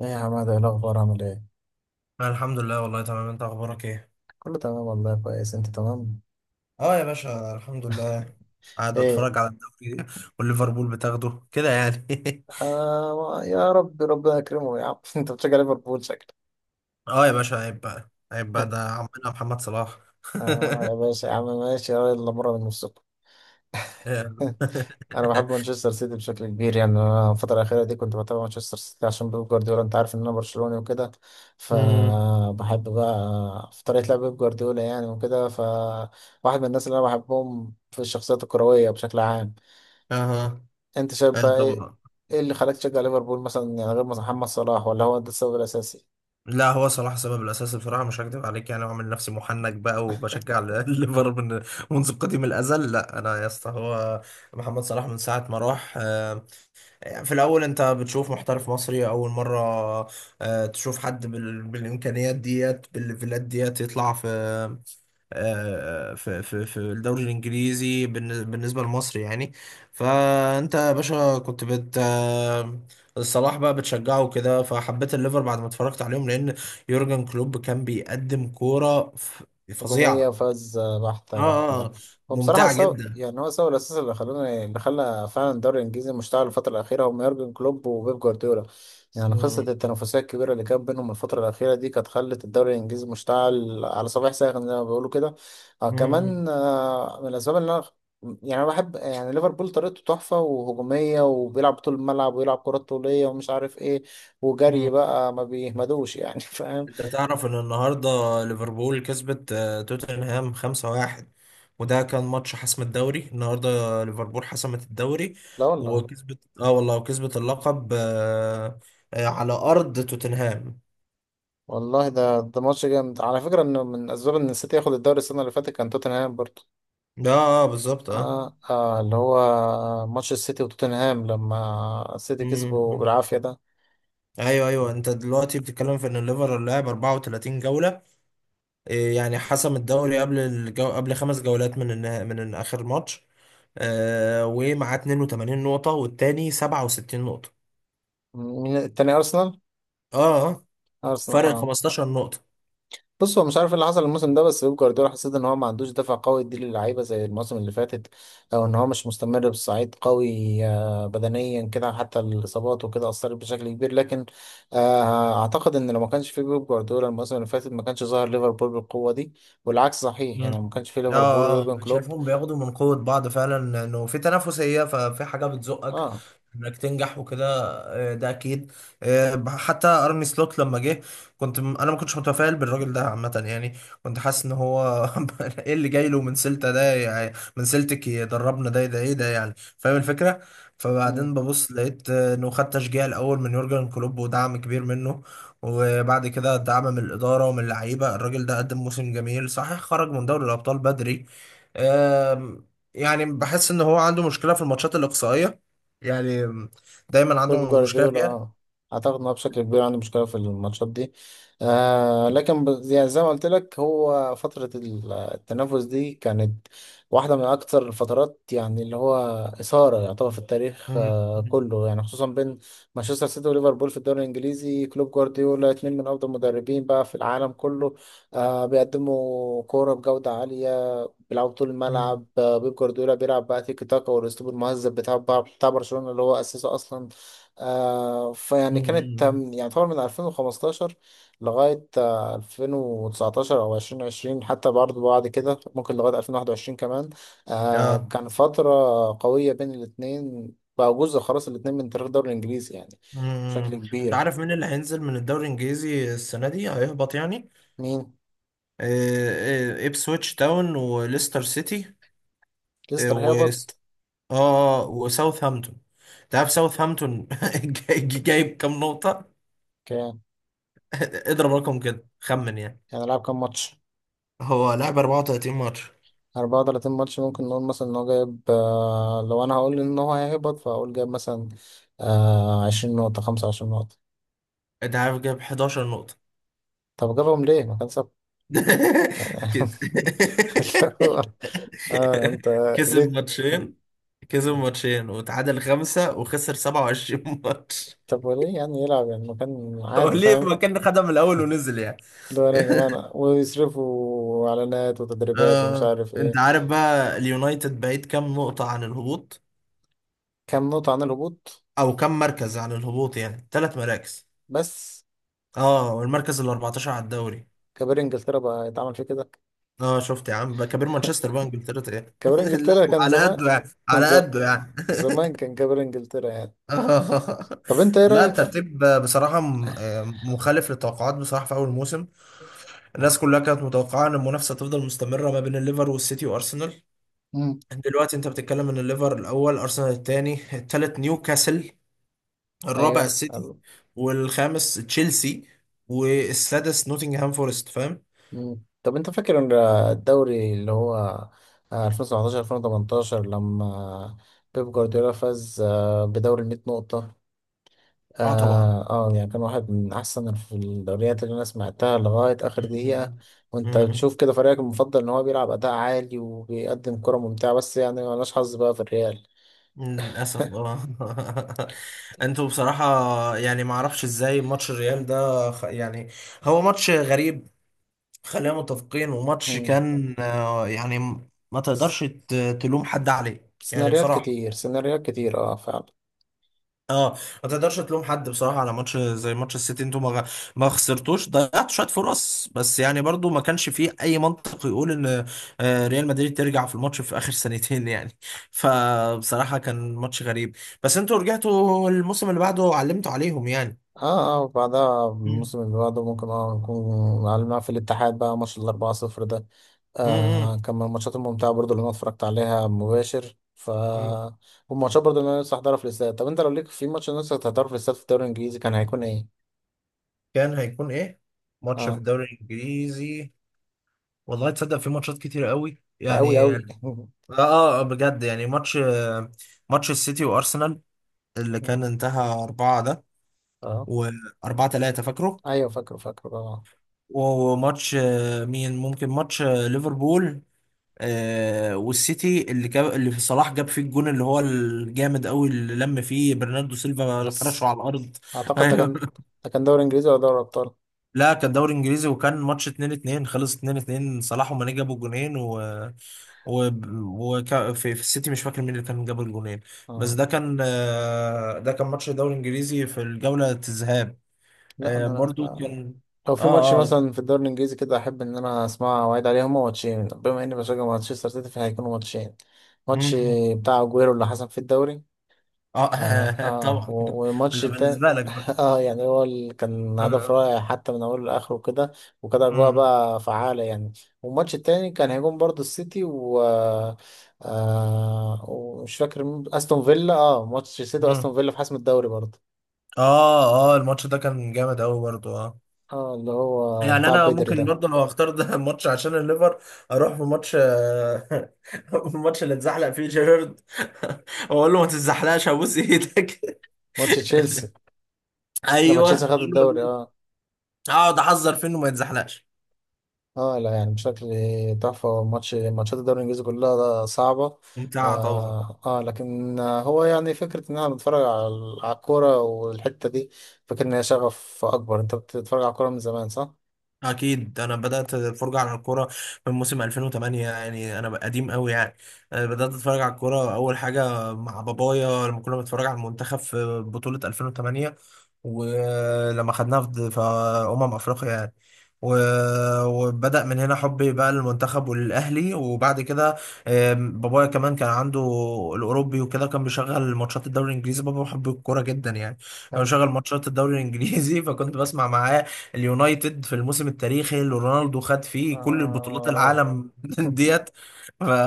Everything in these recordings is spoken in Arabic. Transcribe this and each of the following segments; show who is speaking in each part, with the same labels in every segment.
Speaker 1: ايه يا حماده، ايه الاخبار؟ عامل ايه؟
Speaker 2: أنا الحمد لله والله تمام. انت اخبارك ايه؟
Speaker 1: كله تمام والله. كويس انت؟ تمام
Speaker 2: اه يا باشا، الحمد لله. قاعد
Speaker 1: ايه.
Speaker 2: بتفرج على الدوري، والليفربول بتاخده كده يعني.
Speaker 1: آه يا رب، ربنا يكرمه يا عم. انت بتشجع ليفربول شكلك.
Speaker 2: اه يا باشا، عيب بقى عيب بقى، ده عمنا محمد صلاح.
Speaker 1: اه يا باشا يا عم ماشي يلا مره من نفسكم. انا بحب مانشستر سيتي بشكل كبير. يعني انا الفتره الاخيره دي كنت بتابع مانشستر سيتي عشان بيب جوارديولا. انت عارف ان انا برشلوني وكده،
Speaker 2: امم
Speaker 1: فبحب بقى في طريقه لعب بيب جوارديولا يعني وكده. فواحد من الناس اللي انا بحبهم في الشخصيات الكرويه بشكل عام.
Speaker 2: اها.
Speaker 1: انت شايف بقى ايه؟
Speaker 2: طبعا.
Speaker 1: ايه اللي خلاك تشجع ليفربول مثلا يعني غير محمد صلاح؟ ولا هو ده السبب الاساسي؟
Speaker 2: لا، هو صلاح السبب الاساسي بصراحه، مش هكدب عليك يعني، وعامل نفسي محنك بقى وبشجع الليفر من منذ قديم الازل. لا انا يا اسطى، هو محمد صلاح من ساعه ما راح. في الأول أنت بتشوف محترف مصري أول مرة. تشوف حد بالإمكانيات ديت بالليفلات ديت يطلع في. في الدوري الإنجليزي بالنسبة لمصر يعني. فأنت يا باشا كنت بت آه، الصلاح بقى بتشجعه كده، فحبيت الليفر بعد ما اتفرجت عليهم، لأن يورجن كلوب كان بيقدم كورة
Speaker 1: هجومية،
Speaker 2: فظيعة.
Speaker 1: فاز بحتة بحتة
Speaker 2: آه
Speaker 1: بحتة.
Speaker 2: آه،
Speaker 1: هو بصراحة
Speaker 2: ممتعة
Speaker 1: سو،
Speaker 2: جدا.
Speaker 1: يعني هو سبب الأساس اللي خلاني، اللي خلى فعلا الدوري الإنجليزي مشتعل الفترة الأخيرة، هم يورجن كلوب وبيب جوارديولا. يعني قصة
Speaker 2: مم.
Speaker 1: التنافسية الكبيرة اللي كانت بينهم الفترة الأخيرة دي، كانت خلت الدوري الإنجليزي مشتعل على صباح ساخن زي ما بيقولوا كده. آه كمان من الأسباب اللي أنا يعني أنا بحب يعني ليفربول، طريقته تحفة وهجومية، وبيلعب طول الملعب ويلعب كرات طولية ومش عارف إيه، وجري
Speaker 2: مم.
Speaker 1: بقى ما بيهمدوش يعني. فاهم؟
Speaker 2: انت تعرف ان النهارده ليفربول كسبت توتنهام 5-1، وده كان ماتش حسم الدوري النهارده. ليفربول حسمت الدوري،
Speaker 1: لا والله.
Speaker 2: وكسبت اه والله، وكسبت اللقب، على ارض توتنهام.
Speaker 1: والله ده ده ماتش جامد على فكرة. انه من اسباب ان السيتي ياخد الدوري السنة اللي فاتت كان توتنهام برضه.
Speaker 2: اه، بالظبط اه.
Speaker 1: اللي هو ماتش السيتي وتوتنهام لما السيتي كسبوا
Speaker 2: مم.
Speaker 1: بالعافية ده.
Speaker 2: ايوه ايوه، انت دلوقتي بتتكلم في ان الليفر لعب 34 جوله. إيه يعني، حسم الدوري قبل قبل 5 جولات من من اخر ماتش. ومعاه 82 نقطه، والتاني 67 نقطه.
Speaker 1: مين التاني؟ ارسنال؟
Speaker 2: اه. آه.
Speaker 1: ارسنال
Speaker 2: فرق
Speaker 1: اه.
Speaker 2: 15 نقطة.
Speaker 1: بص، هو مش عارف إيه اللي حصل الموسم ده، بس بيب جوارديولا حسيت ان هو ما عندوش دفع قوي يدي للعيبه زي الموسم اللي فاتت، او ان هو مش مستمر بصعيد قوي. بدنيا كده حتى الاصابات وكده اثرت بشكل كبير، لكن اعتقد ان لو ما كانش في بيب جوارديولا الموسم اللي فاتت ما كانش ظهر ليفربول بالقوه دي. والعكس صحيح، يعني
Speaker 2: مم.
Speaker 1: لو ما كانش في ليفربول
Speaker 2: اه
Speaker 1: ويورجن
Speaker 2: اه،
Speaker 1: كلوب.
Speaker 2: شايفهم بياخدوا من قوة بعض فعلا، انه في تنافسية، ففي حاجة بتزقك
Speaker 1: اه.
Speaker 2: انك تنجح وكده. ده اكيد. حتى ارني سلوت لما جه، انا ما كنتش متفائل بالراجل ده عامة يعني. كنت حاسس ان هو ايه اللي جاي له من سلتا ده، يعني من سلتك يدربنا؟ ده ايه ده يعني، فاهم الفكرة؟ فبعدين ببص لقيت انه خد تشجيع الاول من يورجن كلوب ودعم كبير منه، وبعد كده دعم من الإدارة ومن اللعيبة. الراجل ده قدم موسم جميل صحيح، خرج من دوري الأبطال بدري. آم، يعني بحس إن هو عنده مشكلة في الماتشات الإقصائية يعني، دايما
Speaker 1: بيب
Speaker 2: عنده مشكلة
Speaker 1: جوارديولا
Speaker 2: فيها.
Speaker 1: اه. اعتقد انه بشكل كبير عنده مشكله في الماتشات دي. آه لكن يعني زي ما قلت لك، هو فتره التنافس دي كانت واحده من اكثر الفترات يعني اللي هو اثاره يعتبر في التاريخ
Speaker 2: مم.
Speaker 1: آه كله، يعني خصوصا بين مانشستر سيتي وليفربول في الدوري الانجليزي. كلوب جوارديولا اتنين من افضل المدربين بقى في العالم كله. آه، بيقدموا كوره بجوده عاليه، بيلعبوا طول
Speaker 2: مم.
Speaker 1: الملعب. بيب جوارديولا بيلعب بقى تيكي تاكا والاسلوب المهذب بتاع بتاع برشلونة اللي هو اسسه اصلا. آه، فيعني كانت
Speaker 2: مم.
Speaker 1: يعني طبعا من 2015 لغاية 2019 أو 2020، حتى برضه بعد كده ممكن لغاية 2021 كمان. آه
Speaker 2: اه.
Speaker 1: كان فترة قوية بين الاتنين. بقى جزء خلاص الاتنين من تاريخ الدوري الإنجليزي يعني بشكل
Speaker 2: مم. انت
Speaker 1: كبير.
Speaker 2: عارف مين اللي هينزل من الدوري الانجليزي السنه دي، هيهبط يعني؟
Speaker 1: مين؟
Speaker 2: ابسويتش تاون وليستر سيتي.
Speaker 1: ليستر هبط؟
Speaker 2: اه، وساوثهامبتون. تعرف ساوثهامبتون جايب كام نقطة؟
Speaker 1: كان
Speaker 2: اضرب رقم كده، خمن يعني.
Speaker 1: يعني لعب كام ماتش؟
Speaker 2: هو لعب 34 ماتش.
Speaker 1: 34 ماتش. ممكن نقول مثلا ان هو جايب لو انا هقول ان هو هيهبط فاقول جايب مثلا 20 نقطة، 25 نقطة.
Speaker 2: انت عارف جايب 11 نقطة.
Speaker 1: طب جابهم ليه؟ ما كان سبب يعني.
Speaker 2: كده.
Speaker 1: اللي هو، اه انت
Speaker 2: كسب
Speaker 1: ليه؟
Speaker 2: ماتشين كسب ماتشين وتعادل 5 وخسر 27 ماتش.
Speaker 1: طب وليه يعني يلعب يعني مكان
Speaker 2: هو
Speaker 1: عادي؟
Speaker 2: ليه
Speaker 1: فاهم؟
Speaker 2: ما كان خدها من الاول ونزل يعني؟
Speaker 1: اللي هو انا يا جماعة ويصرفوا اعلانات وتدريبات ومش
Speaker 2: آه،
Speaker 1: عارف
Speaker 2: انت
Speaker 1: ايه.
Speaker 2: عارف بقى اليونايتد بعيد كام نقطة عن الهبوط،
Speaker 1: كام نقطة عن الهبوط؟
Speaker 2: او كام مركز عن الهبوط؟ يعني ثلاث مراكز.
Speaker 1: بس.
Speaker 2: اه، والمركز ال 14 على الدوري.
Speaker 1: كبار انجلترا بقى يتعمل فيه كده.
Speaker 2: اه، شفت يا عم بقى، كبير مانشستر بقى انجلترا ايه؟
Speaker 1: كبار
Speaker 2: لا،
Speaker 1: انجلترا كان
Speaker 2: على
Speaker 1: زمان.
Speaker 2: قده يعني على
Speaker 1: ز-
Speaker 2: قده يعني.
Speaker 1: زمان كان كبار انجلترا يعني.
Speaker 2: آه.
Speaker 1: طب انت ايه
Speaker 2: لا،
Speaker 1: رأيك
Speaker 2: الترتيب بصراحة مخالف للتوقعات بصراحة. في أول موسم الناس كلها كانت متوقعة إن المنافسة تفضل مستمرة ما بين الليفر والسيتي وأرسنال.
Speaker 1: في؟
Speaker 2: دلوقتي أنت بتتكلم إن الليفر الأول، أرسنال الثاني، الثالث نيوكاسل، الرابع
Speaker 1: ايوه
Speaker 2: السيتي،
Speaker 1: حلو.
Speaker 2: والخامس تشيلسي، والسادس نوتنغهام فورست، فاهم؟
Speaker 1: مم. طب انت فاكر ان الدوري اللي هو 2017 2018 لما بيب جوارديولا فاز بدوري ال 100 نقطة؟
Speaker 2: اه طبعا.
Speaker 1: يعني كان واحد من احسن في الدوريات اللي انا سمعتها لغاية اخر دقيقة. وانت بتشوف كده فريقك المفضل ان هو بيلعب اداء عالي وبيقدم كرة ممتعة. بس يعني ملناش حظ بقى في الريال.
Speaker 2: للأسف اه. انتوا بصراحة، يعني ما اعرفش ازاي ماتش الريال ده يعني، هو ماتش غريب، خلينا متفقين. وماتش
Speaker 1: مم.
Speaker 2: كان يعني ما
Speaker 1: س-
Speaker 2: تقدرش تلوم حد عليه يعني
Speaker 1: سيناريوهات
Speaker 2: بصراحة.
Speaker 1: كتير، سيناريوهات كتير اه فعلا.
Speaker 2: اه، ما تقدرش تلوم حد بصراحه على ماتش زي ماتش السيتي. انتوا ما خسرتوش، ضيعتوا شويه فرص بس، يعني برضو ما كانش فيه اي منطق يقول ان ريال مدريد ترجع في الماتش في اخر سنتين يعني. فبصراحه كان ماتش غريب. بس انتوا رجعتوا الموسم اللي بعده، علمتوا عليهم يعني.
Speaker 1: اه اه. وبعدها الموسم اللي بعده ممكن اه نكون على في الاتحاد بقى، ماتش الأربعة صفر ده آه
Speaker 2: مم.
Speaker 1: كان من الماتشات الممتعة برضو اللي أنا اتفرجت عليها مباشر. ف
Speaker 2: امم
Speaker 1: والماتشات برضو اللي أنا لسه هحضرها في الاستاد، طب أنت لو ليك في ماتش لسه هتحضره في الاستاد في الدوري الإنجليزي، كان هيكون إيه؟
Speaker 2: كان هيكون ايه ماتش في
Speaker 1: اه.
Speaker 2: الدوري الانجليزي؟ والله تصدق في ماتشات كتير قوي
Speaker 1: ده أوي
Speaker 2: يعني. اه،
Speaker 1: أوي.
Speaker 2: بجد يعني. ماتش السيتي وارسنال اللي كان انتهى أربعة، ده
Speaker 1: اه.
Speaker 2: وأربعة تلاتة، فاكره.
Speaker 1: أيوه فاكره فاكره اه.
Speaker 2: وماتش آه، مين ممكن ماتش آه، ليفربول والسيتي، اللي جاب اللي في صلاح جاب فيه الجون، اللي هو الجامد قوي، اللي لم فيه برناردو سيلفا فرشه
Speaker 1: بس
Speaker 2: على الأرض.
Speaker 1: أعتقد ده
Speaker 2: ايوه،
Speaker 1: كان، ده كان دوري إنجليزي ولا دوري أبطال؟
Speaker 2: لا كان دوري انجليزي، وكان ماتش 2-2، خلص 2-2، صلاح وماني جابوا جونين. و, و... في السيتي مش فاكر مين اللي كان جاب الجونين. بس
Speaker 1: اه.
Speaker 2: ده كان ماتش الدوري الانجليزي في الجولة الذهاب.
Speaker 1: لا انا.
Speaker 2: برضو
Speaker 1: لا.
Speaker 2: كان.
Speaker 1: لو في ماتش
Speaker 2: اه اه.
Speaker 1: مثلا في الدوري الانجليزي كده احب ان انا اسمع واعيد عليه، هما ماتشين، بما اني بشجع مانشستر سيتي فهيكونوا ماتشين. ماتش
Speaker 2: مم.
Speaker 1: بتاع اجويرو اللي حصل في الدوري.
Speaker 2: اه، طبعا ده
Speaker 1: والماتش التاني.
Speaker 2: بالنسبة لك بقى.
Speaker 1: اه يعني هو اللي كان هدف
Speaker 2: اه.
Speaker 1: رائع حتى من اوله لاخره كده. وكانت اجواء
Speaker 2: مم.
Speaker 1: بقى فعاله يعني. والماتش التاني كان هيكون برضه السيتي و آه، ومش فاكر استون فيلا اه. ماتش السيتي واستون
Speaker 2: مم.
Speaker 1: فيلا في حسم الدوري برضه.
Speaker 2: اه اه، الماتش ده كان جامد قوي برضو اه.
Speaker 1: اه اللي هو
Speaker 2: يعني
Speaker 1: بتاع
Speaker 2: انا
Speaker 1: بدري
Speaker 2: ممكن
Speaker 1: ده.
Speaker 2: برضو لو اختار ده ماتش عشان الليفر، اروح في ماتش، الماتش اللي اتزحلق فيه جيرارد، واقول له ما تتزحلقش ابوس ايدك.
Speaker 1: ماتش تشيلسي لما تشيلسي
Speaker 2: ايوه،
Speaker 1: خد الدوري اه.
Speaker 2: اقعد احذر فيه انه ما يتزحلقش.
Speaker 1: اه لا يعني بشكل تحفة. ماتش، ماتشات الدوري الانجليزي كلها صعبة.
Speaker 2: ممتعة طبعا.
Speaker 1: لكن هو يعني فكرة ان احنا بنتفرج على على الكورة والحتة دي، فاكر ان هي شغف اكبر. انت بتتفرج على الكورة من زمان صح؟
Speaker 2: اكيد، انا بدات الفرجه على الكوره من موسم 2008، يعني انا قديم قوي يعني. أنا بدات اتفرج على الكوره اول حاجه مع بابايا، لما كنا بنتفرج على المنتخب في بطوله 2008، ولما خدناها في افريقيا يعني. وبدأ من هنا حبي بقى للمنتخب وللأهلي. وبعد كده بابايا كمان كان عنده الأوروبي وكده، كان بيشغل ماتشات الدوري الإنجليزي. بابا بيحب الكورة جدا يعني، كان
Speaker 1: حلو.
Speaker 2: بيشغل ماتشات الدوري الإنجليزي. فكنت بسمع معاه اليونايتد في الموسم التاريخي اللي رونالدو خد فيه كل بطولات
Speaker 1: آه.
Speaker 2: العالم ديت.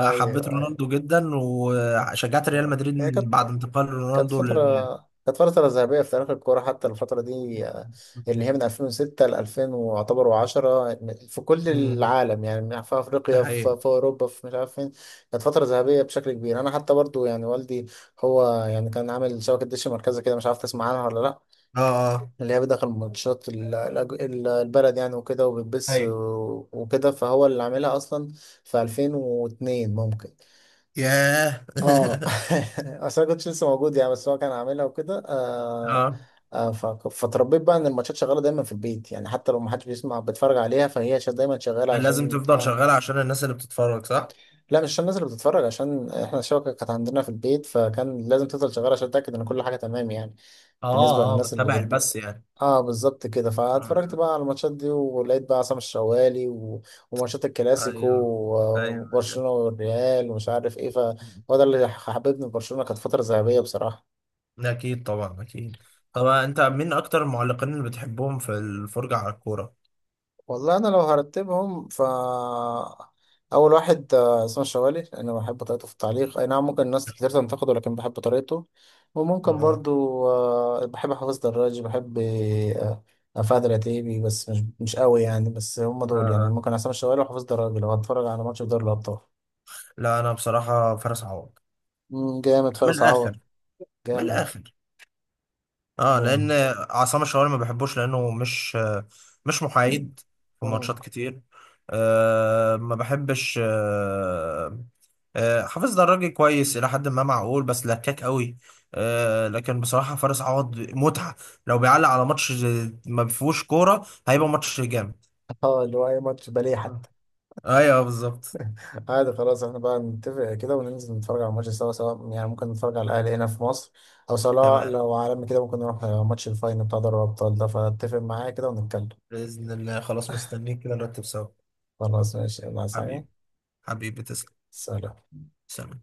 Speaker 1: ايوه
Speaker 2: رونالدو جدا، وشجعت ريال
Speaker 1: ايوه
Speaker 2: مدريد
Speaker 1: هي
Speaker 2: من
Speaker 1: كانت
Speaker 2: بعد انتقال
Speaker 1: كانت
Speaker 2: رونالدو
Speaker 1: فترة
Speaker 2: للريال.
Speaker 1: كانت فترة ذهبية في تاريخ الكورة حتى الفترة دي آه، اللي هي من 2006 ل 2010 في كل
Speaker 2: مم.
Speaker 1: العالم يعني من- في
Speaker 2: ده
Speaker 1: أفريقيا
Speaker 2: حقيقة.
Speaker 1: في, في أوروبا في مش عارف فين كانت فترة ذهبية بشكل كبير أنا حتى برضو يعني والدي هو يعني كان عامل شبكة دش مركزة كده مش عارف تسمع عنها ولا لأ
Speaker 2: اه اه.
Speaker 1: اللي هي بيدخل ماتشات ال- الأج- ال- البلد يعني وكده وبتبث
Speaker 2: ايوه.
Speaker 1: و- وكده فهو اللي عاملها أصلا في 2002 ممكن
Speaker 2: ياه.
Speaker 1: اه اصل انا كنتش لسه موجود يعني بس هو كان عاملها وكده آه
Speaker 2: اه.
Speaker 1: آه ف- فتربيت بقى ان الماتشات شغاله دايما في البيت يعني حتى لو ما حدش بيسمع بيتفرج عليها فهي شا- دايما شغاله
Speaker 2: لازم
Speaker 1: عشان
Speaker 2: تفضل
Speaker 1: آه،
Speaker 2: شغال عشان الناس اللي بتتفرج صح؟
Speaker 1: لا مش عشان الناس اللي بتتفرج عشان احنا الشبكه كانت عندنا في البيت فكان لازم تفضل شغاله عشان اتاكد ان كل حاجه تمام يعني
Speaker 2: اه
Speaker 1: بالنسبه
Speaker 2: اه،
Speaker 1: للناس اللي
Speaker 2: بتابع
Speaker 1: بت
Speaker 2: البث يعني.
Speaker 1: اه بالظبط كده فاتفرجت
Speaker 2: آه،
Speaker 1: بقى على الماتشات دي ولقيت بقى عصام الشوالي و... وماتشات الكلاسيكو
Speaker 2: ايوه
Speaker 1: و-
Speaker 2: ايوه.
Speaker 1: وبرشلونه والريال ومش عارف ايه فهو ده اللي حببني في برشلونه كانت فتره ذهبيه بصراحه
Speaker 2: اكيد طبعا اكيد. طبعا، انت مين اكتر المعلقين اللي بتحبهم في الفرجة على الكورة؟
Speaker 1: والله انا لو هرتبهم ف اول واحد آه، اسمه الشوالي لان بحب طريقته في التعليق اي نعم ممكن الناس كتير تنتقده لكن بحب طريقته وممكن
Speaker 2: اه.
Speaker 1: برضو آه، بحب حافظ دراج بحب آه، آه، فهد العتيبي بس مش مش قوي يعني بس هم دول يعني
Speaker 2: آه.
Speaker 1: ممكن عصام الشوالي وحافظ دراج لو هتفرج على ماتش في دوري الابطال
Speaker 2: لا انا بصراحه فارس عوض.
Speaker 1: مم، جامد
Speaker 2: من
Speaker 1: فارس عوض
Speaker 2: الاخر. من
Speaker 1: جامد
Speaker 2: الاخر. اه، لان
Speaker 1: جامد
Speaker 2: عصام الشوالي ما بحبوش، لانه مش محايد في ماتشات
Speaker 1: مم.
Speaker 2: كتير. ما بحبش. حافظ دراجي كويس الى حد ما معقول، بس لكاك قوي. لكن بصراحه فارس عوض متعه، لو بيعلق على ماتش ما فيهوش كوره هيبقى ماتش جامد.
Speaker 1: اه اللي هو اي ماتش بليه
Speaker 2: آه.
Speaker 1: حتى
Speaker 2: ايوه بالظبط.
Speaker 1: عادي خلاص احنا بقى نتفق كده وننزل نتفرج على الماتش سوا سواء يعني ممكن نتفرج على الأهلي هنا في مصر أو سواء
Speaker 2: تمام،
Speaker 1: لو عالمي كده ممكن نروح ماتش الفاينل بتاع دوري الأبطال ده فاتفق معايا كده ونتكلم
Speaker 2: باذن الله خلاص مستنيك كده نرتب سوا.
Speaker 1: خلاص ماشي يلا عايز حاجة
Speaker 2: حبيبي. حبيبي تسلم.
Speaker 1: سلام
Speaker 2: سلام.